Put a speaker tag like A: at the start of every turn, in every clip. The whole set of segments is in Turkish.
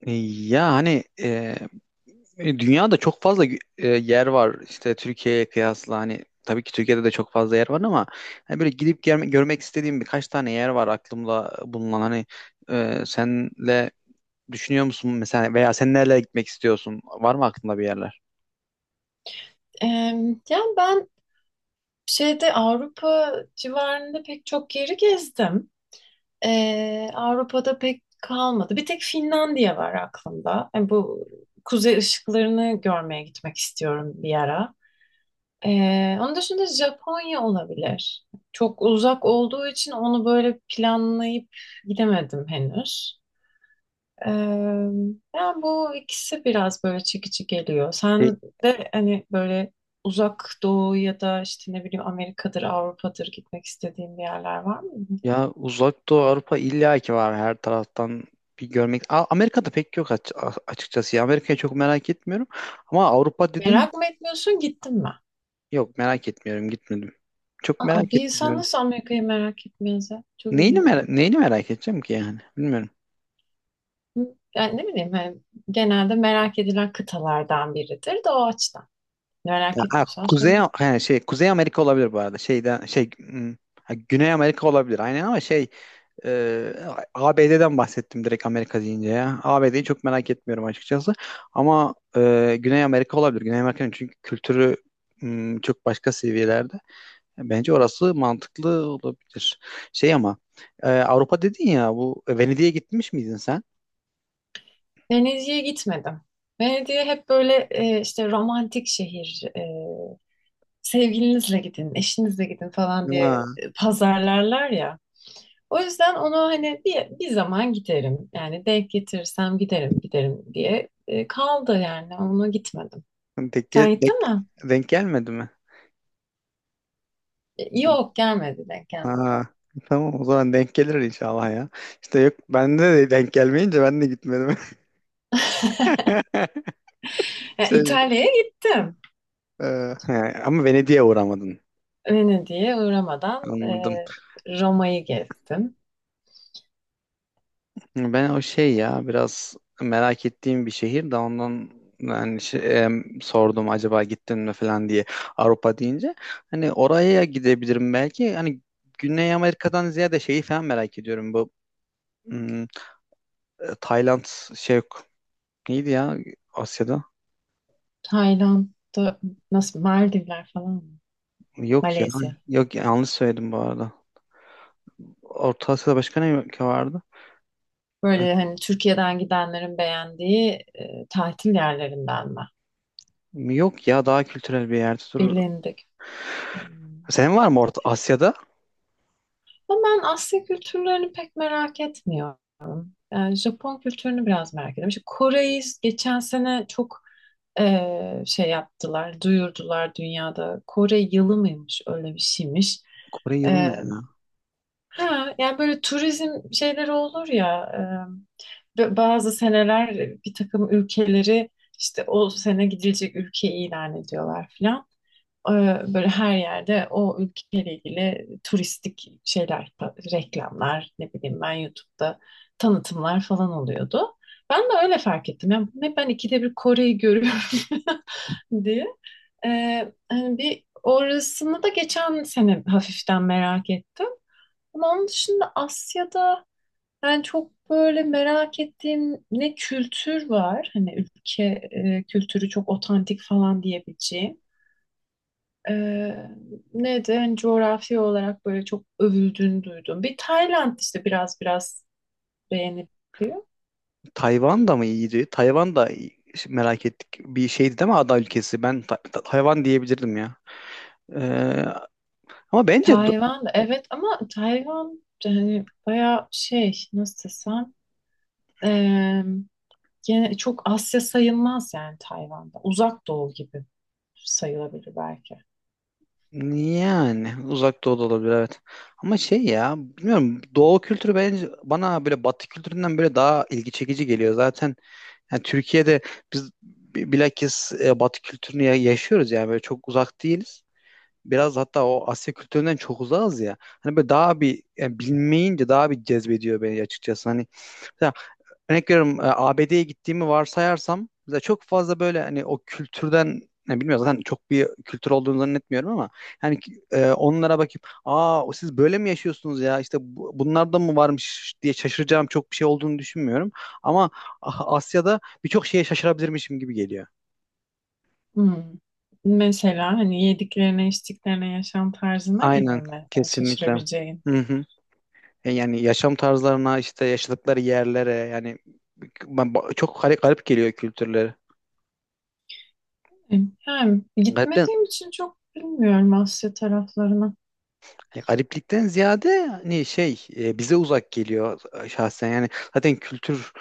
A: E, Ya hani e, dünyada çok fazla yer var işte Türkiye'ye kıyasla hani tabii ki Türkiye'de de çok fazla yer var ama hani böyle görmek istediğim birkaç tane yer var aklımda bulunan hani, senle düşünüyor musun mesela veya sen nerelere gitmek istiyorsun, var mı aklında bir yerler?
B: Ee, yani ben şeyde Avrupa civarında pek çok yeri gezdim. Avrupa'da pek kalmadı. Bir tek Finlandiya var aklımda. Yani bu kuzey ışıklarını görmeye gitmek istiyorum bir ara. Onun dışında Japonya olabilir. Çok uzak olduğu için onu böyle planlayıp gidemedim henüz. Ee, Yani bu ikisi biraz böyle çekici geliyor.
A: E,
B: Sen de hani böyle uzak doğu ya da işte ne bileyim Amerika'dır, Avrupa'dır gitmek istediğin bir yerler var mı?
A: Ya, Uzak Doğu Avrupa illa ki var, her taraftan bir görmek. Amerika'da pek yok, açıkçası ya, Amerika'yı çok merak etmiyorum ama Avrupa dedin.
B: Merak mı etmiyorsun, gittin mi?
A: Yok, merak etmiyorum, gitmedim. Çok
B: Aa,
A: merak
B: bir insan
A: etmiyorum.
B: nasıl Amerika'yı merak etmez ya? Çok ilginç.
A: Neyini merak edeceğim ki yani? Bilmiyorum.
B: Hı? Yani ne bileyim hani genelde merak edilen kıtalardan biridir de o açıdan.
A: Ya,
B: Merak
A: ha,
B: etmiyorsan
A: Kuzey
B: sorun değil.
A: yani şey Kuzey Amerika olabilir bu arada. Ha, Güney Amerika olabilir. Aynen ama e, ABD'den bahsettim direkt Amerika deyince ya. ABD'yi çok merak etmiyorum açıkçası. Ama Güney Amerika olabilir. Güney Amerika'nın çünkü kültürü çok başka seviyelerde. Bence orası mantıklı olabilir. Şey ama Avrupa dedin ya, bu Venedik'e gitmiş miydin sen?
B: Venedik'e gitmedim. Venedik'e hep böyle işte romantik şehir sevgilinizle gidin, eşinizle gidin falan diye
A: Ha,
B: pazarlarlar ya. O yüzden onu hani bir zaman giderim. Yani denk getirirsem giderim, giderim diye kaldı yani. Ona gitmedim.
A: Denk, gel-
B: Sen gittin
A: denk,
B: mi?
A: denk gelmedi mi?
B: Yok gelmedi, denk gelmedi.
A: Ha, tamam, o zaman denk gelir inşallah ya. İşte yok, bende de denk gelmeyince ben de gitmedim.
B: Yani
A: Şey,
B: İtalya'ya gittim.
A: e, he, ama Venedik'e uğramadın.
B: Venedik'e uğramadan
A: Anladım.
B: Roma'yı gezdim.
A: Ben o şey ya, biraz merak ettiğim bir şehir de ondan yani, sordum acaba gittin mi falan diye, Avrupa deyince. Hani oraya gidebilirim belki. Hani Güney Amerika'dan ziyade şeyi falan merak ediyorum, bu hmm, Tayland, şey yok. Neydi ya Asya'da?
B: Tayland'da nasıl Maldivler falan mı?
A: Yok ya.
B: Malezya.
A: Yok, yanlış söyledim bu arada. Orta Asya'da başka ne ülke vardı? Ee,
B: Böyle hani Türkiye'den gidenlerin beğendiği tatil yerlerindenler.
A: yok ya, daha kültürel bir yerde dur.
B: Bilindik. Hmm.
A: Senin var mı Orta Asya'da?
B: Ama ben Asya kültürlerini pek merak etmiyorum. Yani Japon kültürünü biraz merak ediyorum. İşte Kore'yi geçen sene çok şey yaptılar, duyurdular dünyada. Kore yılı mıymış, öyle bir şeymiş.
A: Kore yılı ne
B: Eee,
A: ya?
B: ha, yani böyle turizm şeyleri olur ya, bazı seneler bir takım ülkeleri işte o sene gidilecek ülke ilan ediyorlar filan. Böyle her yerde o ülkeyle ilgili turistik şeyler, reklamlar, ne bileyim ben YouTube'da tanıtımlar falan oluyordu. Ben de öyle fark ettim. Yani ne ben ikide bir Kore'yi görüyorum diye. Hani bir orasını da geçen sene hafiften merak ettim. Ama onun dışında Asya'da ben çok böyle merak ettiğim ne kültür var. Hani ülke kültürü çok otantik falan diyebileceğim. Ee, Neydi? Hani coğrafi olarak böyle çok övüldüğünü duydum. Bir Tayland işte biraz biraz beğeniliyor.
A: Tayvan da mı iyiydi? Merak ettik. Bir şeydi değil mi, ada ülkesi? Ben Tayvan diyebilirdim ya. Ee, ama bence
B: Tayvan da evet ama Tayvan da hani bayağı şey nasıl desem ee, gene çok Asya sayılmaz yani Tayvan'da. Uzak Doğu gibi sayılabilir belki.
A: Yani uzak doğu da olabilir evet. Ama şey ya, bilmiyorum, doğu kültürü bence bana böyle batı kültüründen böyle daha ilgi çekici geliyor. Zaten yani Türkiye'de biz bilakis batı kültürünü yaşıyoruz, yani böyle çok uzak değiliz. Biraz hatta o Asya kültüründen çok uzağız ya. Hani böyle daha bir yani, bilmeyince daha bir cezbediyor beni açıkçası. Hani örnek veriyorum, ABD'ye gittiğimi varsayarsam mesela, çok fazla böyle hani o kültürden ne, bilmiyorum, zaten çok bir kültür olduğunu zannetmiyorum ama yani onlara bakıp aa o siz böyle mi yaşıyorsunuz ya, işte bunlarda mı varmış diye şaşıracağım çok bir şey olduğunu düşünmüyorum, ama Asya'da birçok şeye şaşırabilirmişim gibi geliyor.
B: Hmm. Mesela hani yediklerine, içtiklerine, yaşam tarzına gibi
A: Aynen,
B: mi? Yani
A: kesinlikle.
B: şaşırabileceğin.
A: Hı hı. Yani yaşam tarzlarına, işte yaşadıkları yerlere yani, çok garip geliyor kültürleri.
B: E, Yani
A: Garip,
B: gitmediğim için çok bilmiyorum Asya taraflarını.
A: hani gariplikten ziyade hani şey, bize uzak geliyor, şahsen yani. Zaten kültür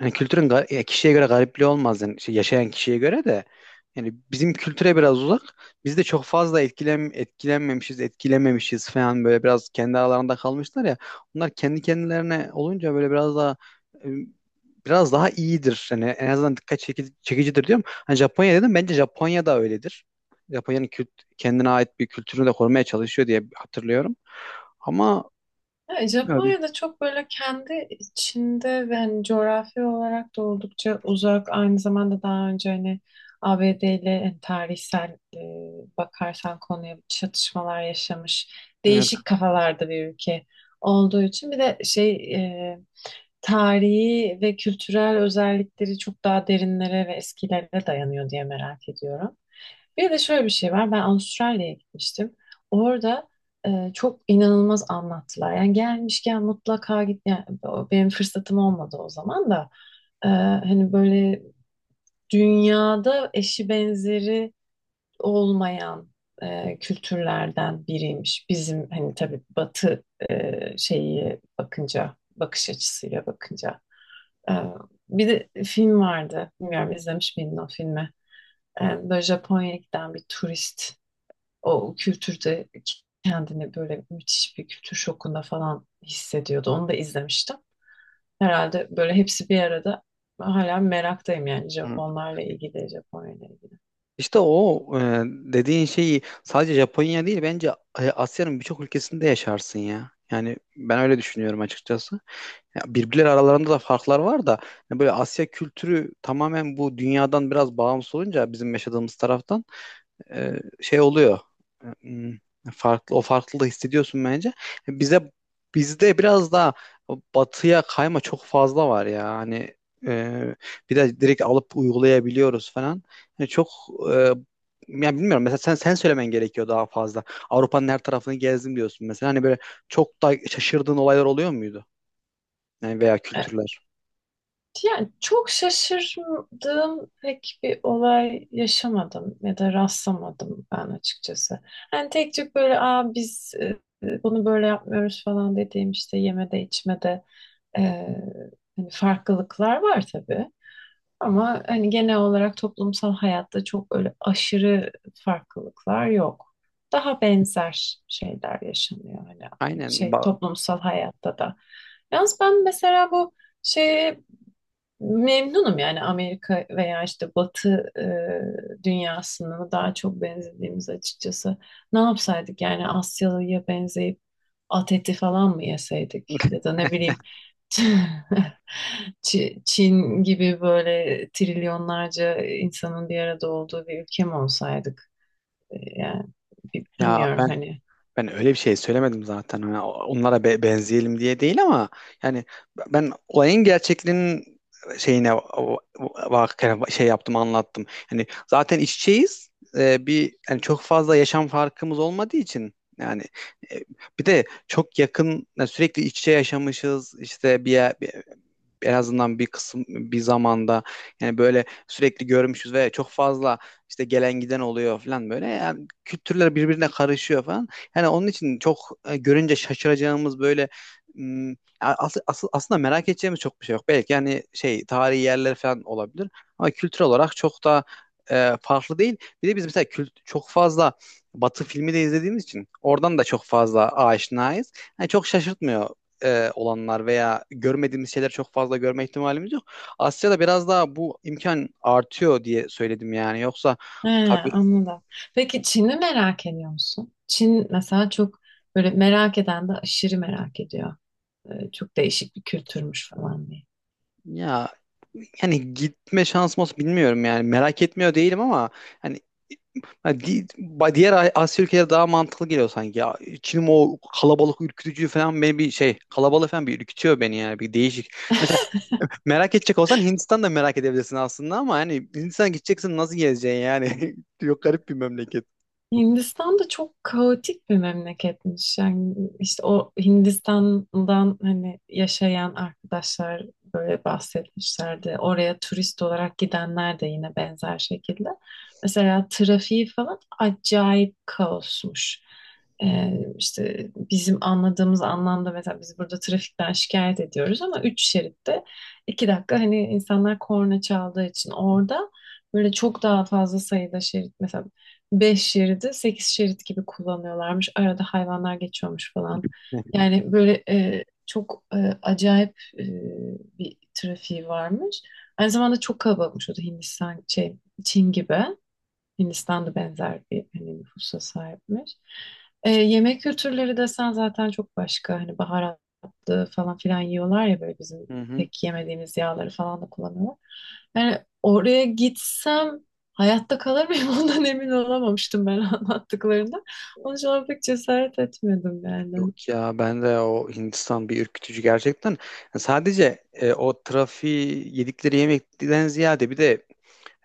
A: yani kültürün ya, kişiye göre garipliği olmaz yani, şey, yaşayan kişiye göre de yani, bizim kültüre biraz uzak, biz de çok fazla etkilenmemişiz falan, böyle biraz kendi aralarında kalmışlar ya, bunlar kendi kendilerine olunca böyle biraz daha e, biraz daha iyidir yani en azından dikkat çekicidir diyorum. Hani Japonya dedim, bence Japonya da öyledir. Japonya'nın kendine ait bir kültürünü de korumaya çalışıyor diye hatırlıyorum. Ama
B: Ya,
A: bilmiyorum.
B: Japonya'da çok böyle kendi içinde ve hani coğrafi olarak da oldukça uzak. Aynı zamanda daha önce hani ABD ile hani tarihsel bakarsan konuya çatışmalar yaşamış.
A: Evet.
B: Değişik kafalarda bir ülke olduğu için bir de şey e, tarihi ve kültürel özellikleri çok daha derinlere ve eskilere dayanıyor diye merak ediyorum. Bir de şöyle bir şey var. Ben Avustralya'ya gitmiştim. Orada çok inanılmaz anlattılar. Yani gelmişken mutlaka git. Yani benim fırsatım olmadı o zaman da. Hani böyle dünyada eşi benzeri olmayan kültürlerden biriymiş. Bizim hani tabii Batı şeyi bakınca, bakış açısıyla bakınca. E, Bir de film vardı. Bilmiyorum izlemiş miydin o filmi? Böyle Japonya'ya giden bir turist o kültürde kendini böyle müthiş bir kültür şokunda falan hissediyordu. Onu da izlemiştim. Herhalde böyle hepsi bir arada hala meraktayım yani Japonlarla ilgili, Japonya'yla ilgili.
A: İşte o dediğin şeyi sadece Japonya değil bence, Asya'nın birçok ülkesinde yaşarsın ya. Yani ben öyle düşünüyorum açıkçası. Ya, birbirleri aralarında da farklar var da yani, böyle Asya kültürü tamamen bu dünyadan biraz bağımsız olunca bizim yaşadığımız taraftan şey oluyor. E, Hmm, Farklı, o farklılığı hissediyorsun bence. E, Bize bizde biraz daha batıya kayma çok fazla var ya. Hani, e, bir de direkt alıp uygulayabiliyoruz falan. Yani çok e, ya bilmiyorum, mesela sen söylemen gerekiyor daha fazla. Avrupa'nın her tarafını gezdim diyorsun mesela. Hani böyle çok da şaşırdığın olaylar oluyor muydu? Yani veya kültürler.
B: Yani çok şaşırdığım pek bir olay yaşamadım ya da rastlamadım ben açıkçası. Hani tek tük böyle Aa, biz bunu böyle yapmıyoruz falan dediğim işte yemede içmede e, hani farklılıklar var tabii. Ama hani genel olarak toplumsal hayatta çok öyle aşırı farklılıklar yok. Daha benzer şeyler yaşanıyor hani
A: Aynen.
B: şey toplumsal hayatta da. Yalnız ben mesela bu şey memnunum yani Amerika veya işte Batı dünyasına daha çok benzediğimiz açıkçası. Ne yapsaydık yani Asyalı'ya benzeyip at eti falan mı yeseydik ya da ne bileyim Çin gibi böyle trilyonlarca insanın bir arada olduğu bir ülke mi olsaydık? Yani
A: Ya
B: bilmiyorum
A: ben
B: hani.
A: Ben öyle bir şey söylemedim zaten. Hani onlara benzeyelim diye değil ama yani, ben olayın gerçekliğinin şeyine bak, şey yaptım, anlattım. Yani zaten iç içeyiz. Bir yani, çok fazla yaşam farkımız olmadığı için yani, e, bir de çok yakın yani, sürekli iç içe yaşamışız. İşte bir yer, en azından bir kısım bir zamanda yani böyle sürekli görmüşüz ve çok fazla işte gelen giden oluyor falan, böyle yani kültürler birbirine karışıyor falan. Yani onun için çok görünce şaşıracağımız böyle aslında merak edeceğimiz çok bir şey yok. Belki yani şey, tarihi yerler falan olabilir, ama kültür olarak çok da farklı değil. Bir de biz mesela kült çok fazla Batı filmi de izlediğimiz için oradan da çok fazla aşinayız. Yani çok şaşırtmıyor olanlar veya görmediğimiz şeyler çok fazla görme ihtimalimiz yok. Asya'da biraz daha bu imkan artıyor diye söyledim yani. Yoksa
B: He,
A: tabii.
B: anladım. Peki Çin'i merak ediyor musun? Çin mesela çok böyle merak eden de aşırı merak ediyor. Çok değişik bir kültürmüş falan diye.
A: Ya yani, gitme şansım olsa bilmiyorum yani, merak etmiyor değilim ama hani, ha, diğer Asya ülkeleri daha mantıklı geliyor sanki. Ya, Çin'in o kalabalık ürkütücü falan, beni bir şey, kalabalık falan bir ürkütüyor beni yani, bir değişik. Mesela merak edecek olsan Hindistan'da merak edebilirsin aslında, ama hani Hindistan gideceksin nasıl gezeceksin yani? Yok, garip bir memleket.
B: Hindistan da çok kaotik bir memleketmiş. Yani işte o Hindistan'dan hani yaşayan arkadaşlar böyle bahsetmişlerdi. Oraya turist olarak gidenler de yine benzer şekilde. Mesela trafiği falan acayip kaosmuş. Ee, işte bizim anladığımız anlamda mesela biz burada trafikten şikayet ediyoruz ama üç şeritte iki dakika hani insanlar korna çaldığı için orada böyle çok daha fazla sayıda şerit mesela 5 şeridi 8 şerit gibi kullanıyorlarmış. Arada hayvanlar geçiyormuş falan. Yani böyle çok acayip e, bir trafiği varmış. Aynı zamanda çok kalabalıkmış o da Hindistan şey Çin gibi. Hindistan'da benzer bir hani nüfusa sahipmiş. Yemek kültürleri desen zaten çok başka. Hani baharatlı falan filan yiyorlar ya böyle bizim
A: Hı hı.
B: pek yemediğimiz yağları falan da kullanıyorlar. Yani oraya gitsem hayatta kalır mıyım ondan emin olamamıştım ben anlattıklarında. Onun için ona pek cesaret etmedim yani.
A: Yok ya, ben de o Hindistan bir ürkütücü gerçekten. Yani sadece o trafiği, yedikleri yemekten ziyade bir de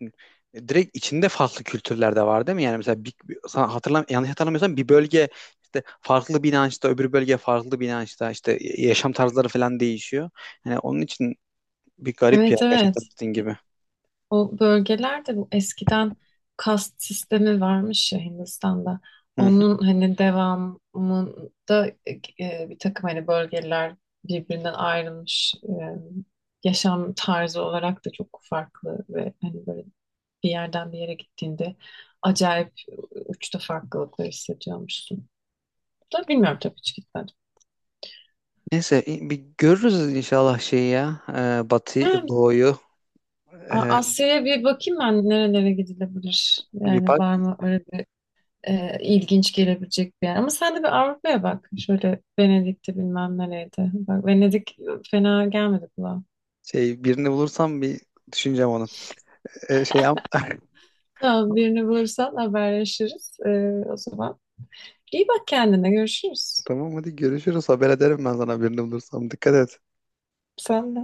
A: hani, direkt içinde farklı kültürler de var değil mi? Yani mesela sana yanlış hatırlamıyorsam, bir bölge işte farklı bir inançta, öbür bölge farklı bir inançta, işte yaşam tarzları falan değişiyor. Yani onun için bir garip ya,
B: Evet
A: gerçekten,
B: evet.
A: dediğin gibi.
B: O bölgelerde bu eskiden kast sistemi varmış ya Hindistan'da.
A: Hı hı.
B: Onun hani devamında bir takım hani bölgeler birbirinden ayrılmış yaşam tarzı olarak da çok farklı ve hani böyle bir yerden bir yere gittiğinde acayip uçta farklılıklar hissediyormuşsun. Da bilmiyorum tabii hiç gitmedim.
A: Neyse, bir görürüz inşallah şeyi ya, Batı
B: Yani
A: Doğu'yu. E,
B: Asya'ya bir bakayım ben nerelere gidilebilir.
A: bir
B: Yani
A: bak.
B: var mı öyle ilginç gelebilecek bir yer. Ama sen de bir Avrupa'ya bak. Şöyle Venedik'te bilmem nereydi. Bak Venedik fena gelmedi kulağa.
A: Şey, birini bulursam bir düşüneceğim onu. Şey yap.
B: Tamam birini bulursan haberleşiriz. O zaman iyi bak kendine görüşürüz.
A: Tamam hadi görüşürüz. Haber ederim ben sana birini bulursam. Dikkat et.
B: Sen de.